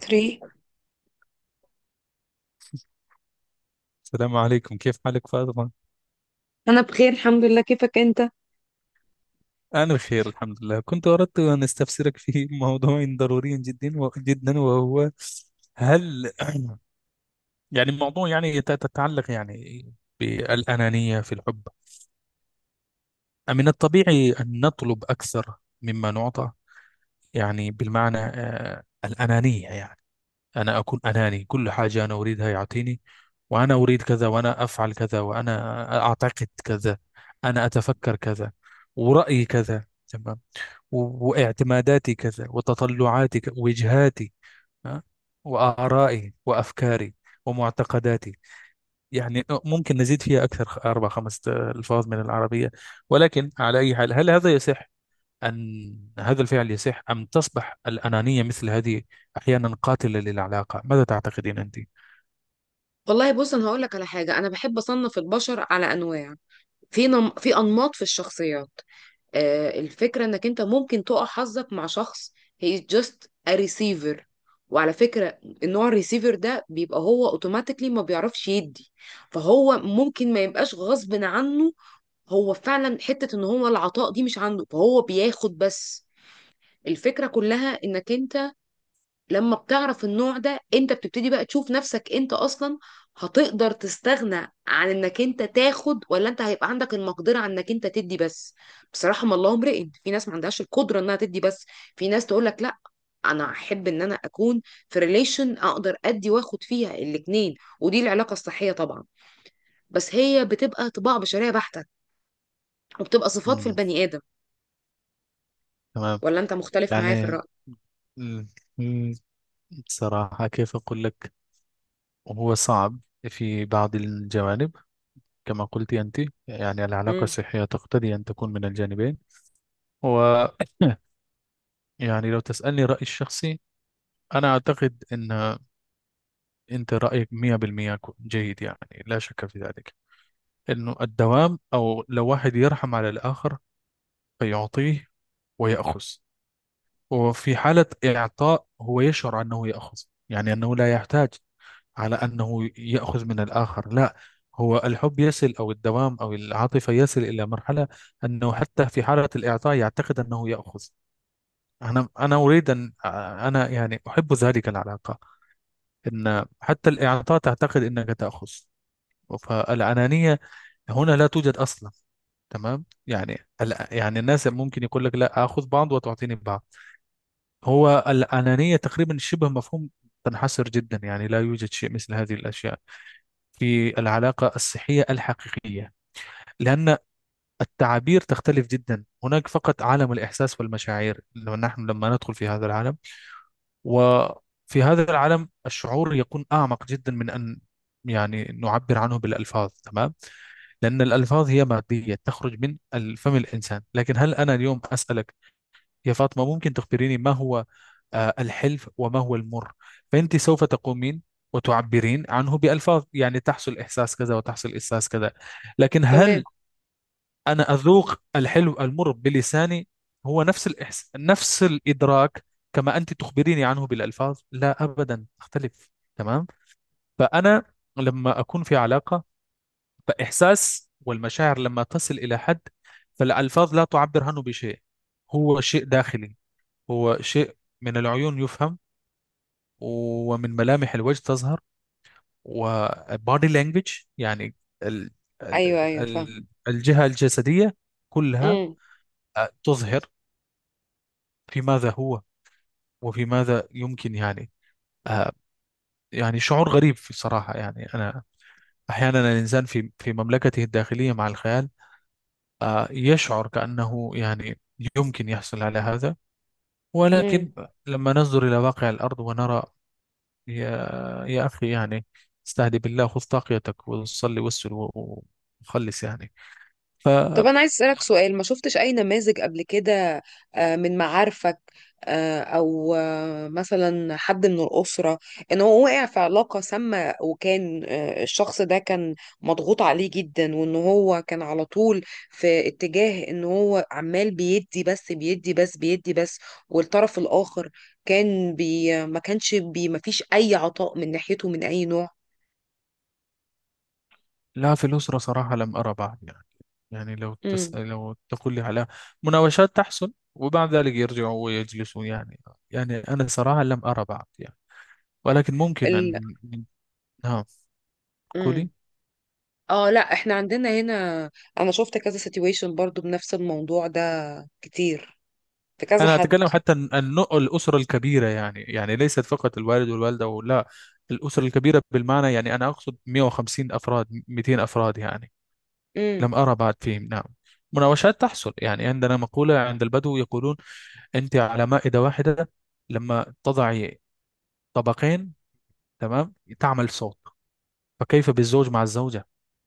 3 السلام عليكم، كيف حالك فاطمة؟ انا بخير الحمد لله، كيفك انت؟ أنا بخير الحمد لله. كنت أردت أن أستفسرك في موضوع ضروري جدا جدا، وهو هل الموضوع تتعلق يعني بالأنانية في الحب. من الطبيعي أن نطلب أكثر مما نعطى، يعني بالمعنى الأنانية، يعني أنا أكون أناني، كل حاجة أنا أريدها يعطيني، وأنا أريد كذا، وأنا أفعل كذا، وأنا أعتقد كذا، أنا أتفكر كذا، ورأيي كذا، واعتماداتي كذا، وتطلعاتي وجهاتي، ها؟ وآرائي وأفكاري ومعتقداتي. يعني ممكن نزيد فيها أكثر أربع خمس ألفاظ من العربية، ولكن على أي حال، هل هذا يصح؟ أن هذا الفعل يصح، أم تصبح الأنانية مثل هذه أحيانا قاتلة للعلاقة؟ ماذا تعتقدين أنت؟ والله بص، انا هقول لك على حاجه. انا بحب اصنف البشر على انواع. في انماط في الشخصيات. آه، الفكره انك انت ممكن تقع حظك مع شخص هي just a receiver. وعلى فكره، النوع الريسيفر ده بيبقى هو اوتوماتيكلي ما بيعرفش يدي، فهو ممكن ما يبقاش غصب عنه، هو فعلا حته ان هو العطاء دي مش عنده فهو بياخد بس. الفكره كلها انك انت لما بتعرف النوع ده، انت بتبتدي بقى تشوف نفسك انت اصلا هتقدر تستغنى عن انك انت تاخد، ولا انت هيبقى عندك المقدرة عن انك انت تدي بس. بصراحة ما الله امرئ، في ناس ما عندهاش القدرة انها تدي بس، في ناس تقول لك لا، انا احب ان انا اكون في ريليشن اقدر ادي واخد فيها الاتنين، ودي العلاقة الصحية طبعا. بس هي بتبقى طباع بشرية بحتة، وبتبقى صفات في مم. البني آدم. تمام. ولا انت مختلف معايا في يعني الرأي؟ مم. بصراحة كيف أقول لك، هو صعب في بعض الجوانب. كما قلت أنت، يعني العلاقة امم. الصحية تقتضي أن تكون من الجانبين، و يعني لو تسألني رأيي الشخصي، أنا أعتقد أن أنت رأيك 100% جيد يعني، لا شك في ذلك، أنه الدوام، أو لو واحد يرحم على الآخر فيعطيه ويأخذ. وفي حالة إعطاء هو يشعر أنه يأخذ، يعني أنه لا يحتاج على أنه يأخذ من الآخر، لا. هو الحب يصل، أو الدوام أو العاطفة يصل إلى مرحلة أنه حتى في حالة الإعطاء يعتقد أنه يأخذ. أنا أريد أن أنا يعني أحب ذلك العلاقة، أن حتى الإعطاء تعتقد أنك تأخذ. فالأنانية هنا لا توجد أصلا، تمام؟ يعني الناس ممكن يقول لك لا، اخذ بعض وتعطيني بعض. هو الانانيه تقريبا شبه مفهوم، تنحصر جدا، يعني لا يوجد شيء مثل هذه الاشياء في العلاقة الصحية الحقيقية. لأن التعابير تختلف جدا، هناك فقط عالم الإحساس والمشاعر، لما نحن لما ندخل في هذا العالم. وفي هذا العالم الشعور يكون أعمق جدا من أن يعني نعبر عنه بالألفاظ، تمام؟ لأن الألفاظ هي مادية تخرج من فم الإنسان. لكن هل أنا اليوم أسألك يا فاطمة، ممكن تخبريني ما هو الحلف وما هو المر؟ فأنت سوف تقومين وتعبرين عنه بألفاظ، يعني تحصل إحساس كذا، وتحصل إحساس كذا. لكن تمام. هل أنا أذوق الحلو المر بلساني، هو نفس نفس الإدراك كما أنت تخبريني عنه بالألفاظ؟ لا، أبدا تختلف، تمام؟ فأنا لما أكون في علاقة، فإحساس والمشاعر لما تصل إلى حد، فالألفاظ لا تعبر عنه بشيء. هو شيء داخلي، هو شيء من العيون يفهم، ومن ملامح الوجه تظهر، وبادي لانجوج يعني، ال ال ايوه ايوه فاهم. ال الجهة الجسدية كلها تظهر في ماذا هو، وفي ماذا يمكن يعني آه، يعني شعور غريب في الصراحة. يعني أنا أحيانا الإنسان في مملكته الداخلية مع الخيال يشعر كأنه يعني يمكن يحصل على هذا، امم. ولكن لما ننظر إلى واقع الأرض ونرى، يا يا أخي يعني استهدي بالله، خذ طاقيتك وصلي وخلص يعني. طب فلا، أنا عايز أسألك سؤال، ما شفتش أي نماذج قبل كده؟ آه، من معارفك، آه، أو آه، مثلا حد من الأسرة، إن هو وقع في علاقة سامة وكان آه، الشخص ده كان مضغوط عليه جدا، وإن هو كان على طول في اتجاه إن هو عمال بيدي بس بيدي بس بيدي بس، والطرف الآخر كان بي ما كانش بي ما فيش أي عطاء من ناحيته من أي نوع. في الأسرة صراحة لم أرى بعد يعني، يعني لو امم. لو تقول لي على مناوشات تحصل وبعد ذلك يرجعوا ويجلسوا يعني، يعني أنا صراحة لم أرى بعد يعني. ولكن ممكن ال... أن، نعم قولي. مم. اه لا، احنا عندنا هنا، انا شفت كذا سيتويشن برضو بنفس الموضوع ده كتير، في كذا أنا حد. أتكلم حتى عن نوع الأسرة الكبيرة، يعني يعني ليست فقط الوالد والوالدة ولا، الأسرة الكبيرة بالمعنى، يعني أنا أقصد 150 أفراد 200 أفراد يعني، امم. لم أرى بعد فيهم، نعم. مناوشات تحصل. يعني عندنا مقولة عند البدو يقولون: أنت على مائدة واحدة لما تضعي طبقين، تمام، تعمل صوت. فكيف بالزوج مع الزوجة،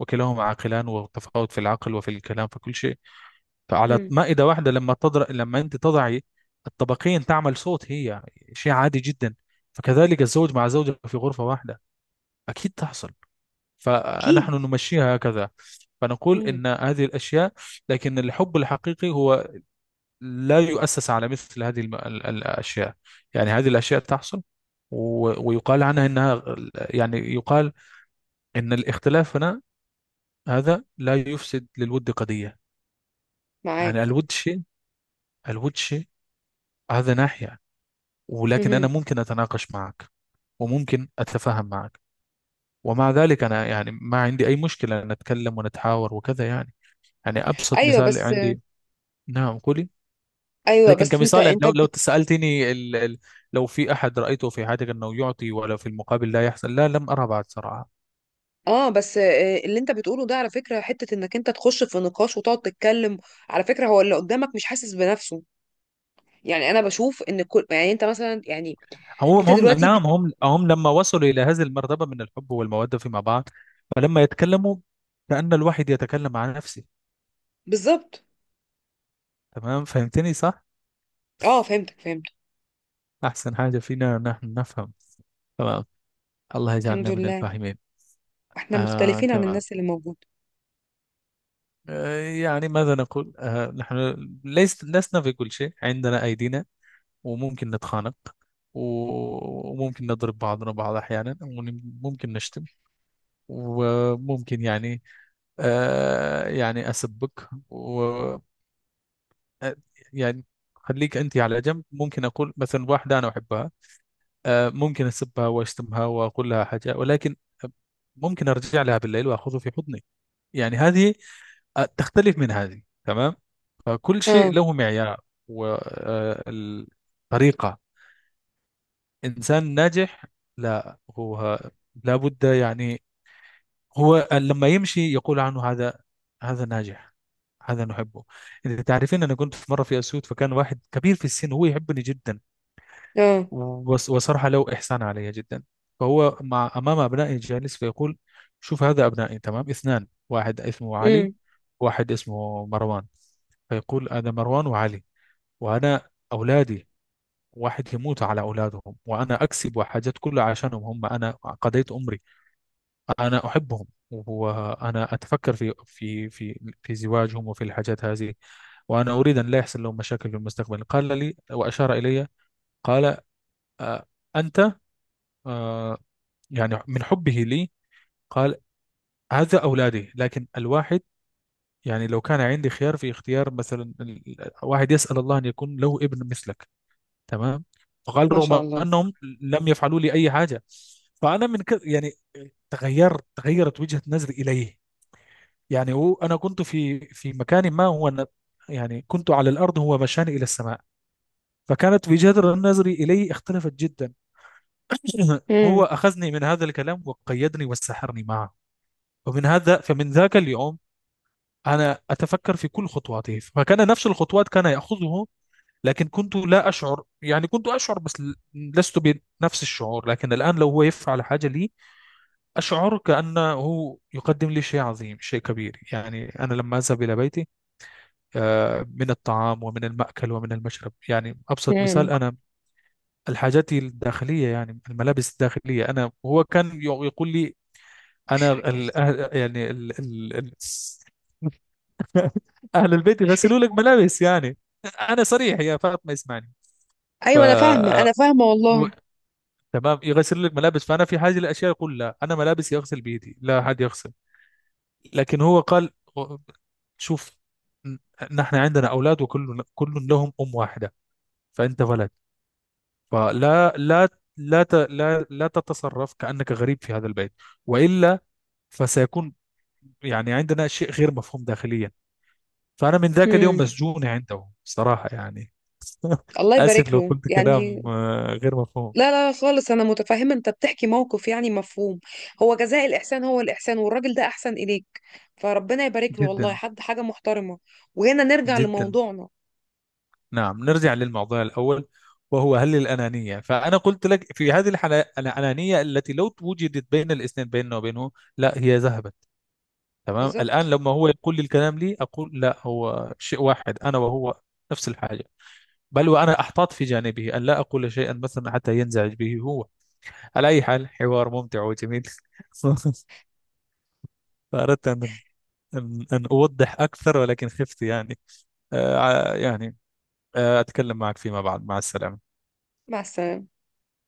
وكلاهما عاقلان، وتفاوت في العقل وفي الكلام في كل شيء. فعلى امم. مائدة واحدة لما لما أنت تضعي الطبقين تعمل صوت، هي شيء عادي جدا. فكذلك الزوج مع زوجة في غرفة واحدة، أكيد تحصل. فنحن اكيد. نمشيها هكذا، فنقول امم. إن هذه الأشياء. لكن الحب الحقيقي هو لا يؤسس على مثل هذه الأشياء. يعني هذه الأشياء تحصل، ويقال عنها إنها، يعني يقال إن الاختلاف هنا، هذا لا يفسد للود قضية. يعني معاك. الود شيء، الود شيء، هذا ناحية. ولكن أنا امم. ممكن أتناقش معك، وممكن أتفاهم معك، ومع ذلك أنا يعني ما عندي أي مشكلة أن نتكلم ونتحاور وكذا يعني. يعني أبسط ايوه مثال بس. عندي، نعم قولي. ايوه لكن بس، انت كمثال يعني، انت لو لو سألتني لو في أحد رأيته في حياتك أنه يعطي ولا في المقابل لا يحصل؟ لا، لم أرى بعد صراحة. اه بس، آه، اللي انت بتقوله ده على فكره حته انك انت تخش في نقاش وتقعد تتكلم. على فكره هو اللي قدامك مش حاسس بنفسه. يعني انا بشوف ان كل، يعني انت مثلا، يعني هم انت هم، دلوقتي نعم، هم هم لما وصلوا إلى هذه المرتبة من الحب والمودة فيما بعد، فلما يتكلموا كأن الواحد يتكلم عن نفسه، بالظبط. تمام، فهمتني صح؟ اه فهمتك فهمتك. أحسن حاجة فينا نحن نفهم، تمام. الله الحمد يجعلنا من لله. الفاهمين. احنا آه مختلفين عن تمام، الناس اللي موجوده. آه يعني ماذا نقول، آه نحن ليس لسنا في كل شيء عندنا أيدينا، وممكن نتخانق، وممكن نضرب بعضنا بعض أحيانا، وممكن نشتم، وممكن يعني آه يعني أسبك، و آه، يعني خليك أنت على جنب. ممكن أقول مثلا واحدة أنا أحبها، آه ممكن أسبها وأشتمها وأقول لها حاجة، ولكن ممكن أرجع لها بالليل وأخذه في حضني. يعني هذه تختلف من هذه، تمام. فكل شيء اه له معيار وطريقة. إنسان ناجح، لا هو لابد يعني هو لما يمشي يقول عنه: هذا هذا ناجح، هذا نحبه. إذا تعرفين، أنا كنت في مرة في أسيوط، فكان واحد كبير في السن هو يحبني جدا. اه. وصراحة له إحسان علي جدا. فهو مع أمام أبنائي جالس فيقول: شوف، هذا أبنائي، تمام، اثنان، واحد اسمه علي، واحد اسمه مروان. فيقول: هذا مروان وعلي، وأنا أولادي، واحد يموت على أولادهم، وأنا أكسب حاجات كلها عشانهم هم، أنا قضيت عمري، أنا أحبهم، وأنا أتفكر في زواجهم وفي الحاجات هذه، وأنا أريد أن لا يحصل لهم مشاكل في المستقبل. قال لي وأشار إلي، قال آه، أنت آه، يعني، من حبه لي قال: هذا أولادي، لكن الواحد يعني لو كان عندي خيار في اختيار، مثلا واحد يسأل الله أن يكون له ابن مثلك، تمام. فقال: ما شاء رغم الله. انهم لم يفعلوا لي اي حاجه. فانا من كده يعني تغيرت، تغيرت وجهه نظري اليه، يعني هو، انا كنت في مكان ما هو أنا، يعني كنت على الارض، هو مشاني الى السماء. فكانت وجهه نظري اليه اختلفت جدا. امم. هو اخذني من هذا الكلام وقيدني وسحرني معه. ومن هذا، فمن ذاك اليوم انا اتفكر في كل خطواته، فكان نفس الخطوات كان ياخذه، لكن كنت لا أشعر، يعني كنت أشعر بس لست بنفس الشعور. لكن الآن لو هو يفعل حاجة لي، أشعر كأنه يقدم لي شيء عظيم، شيء كبير. يعني أنا لما أذهب إلى بيتي، من الطعام ومن المأكل ومن المشرب، يعني أبسط امم. مثال، أنا الحاجات الداخلية، يعني الملابس الداخلية، أنا هو كان يقول لي أنا أهل البيت يغسلوا لك ملابس يعني، أنا صريح يا فاطمة، اسمعني. ف، ايوه انا فاهمه انا فاهمه والله. تمام، يغسل لك ملابس، فانا في حاجه لاشياء يقول: لا، انا ملابسي اغسل بيدي، لا حد يغسل. لكن هو قال: شوف، ن- نحن عندنا اولاد، وكل لهم ام واحده، فانت ولد، فلا لا، لا لا تتصرف كانك غريب في هذا البيت، والا فسيكون يعني عندنا شيء غير مفهوم داخليا. فانا من ذاك اليوم امم. مسجون عنده صراحه يعني. الله اسف يبارك لو له قلت يعني. كلام غير مفهوم. لا لا خالص، انا متفهمه، انت بتحكي موقف يعني مفهوم. هو جزاء الاحسان هو الاحسان، والراجل ده احسن اليك، فربنا يبارك له والله، جدا، حد حاجه محترمه. وهنا نرجع جدا. لموضوعنا. نعم، نرجع للموضوع الأول، وهو هل الأنانية؟ فأنا قلت لك، في هذه الحالة الأنانية التي لو وجدت بين الاثنين بيننا وبينه، لا، هي ذهبت، تمام. الآن بالظبط. لما هو يقول لي الكلام لي أقول لا، هو شيء واحد أنا وهو، نفس الحاجة. بل وأنا أحتاط في جانبه أن لا أقول شيئا مثلا حتى ينزعج به هو. على أي حال، حوار ممتع وجميل. فأردت أن أن أوضح أكثر، ولكن خفت يعني يعني أتكلم معك فيما بعد. مع السلامة. مع السلامه.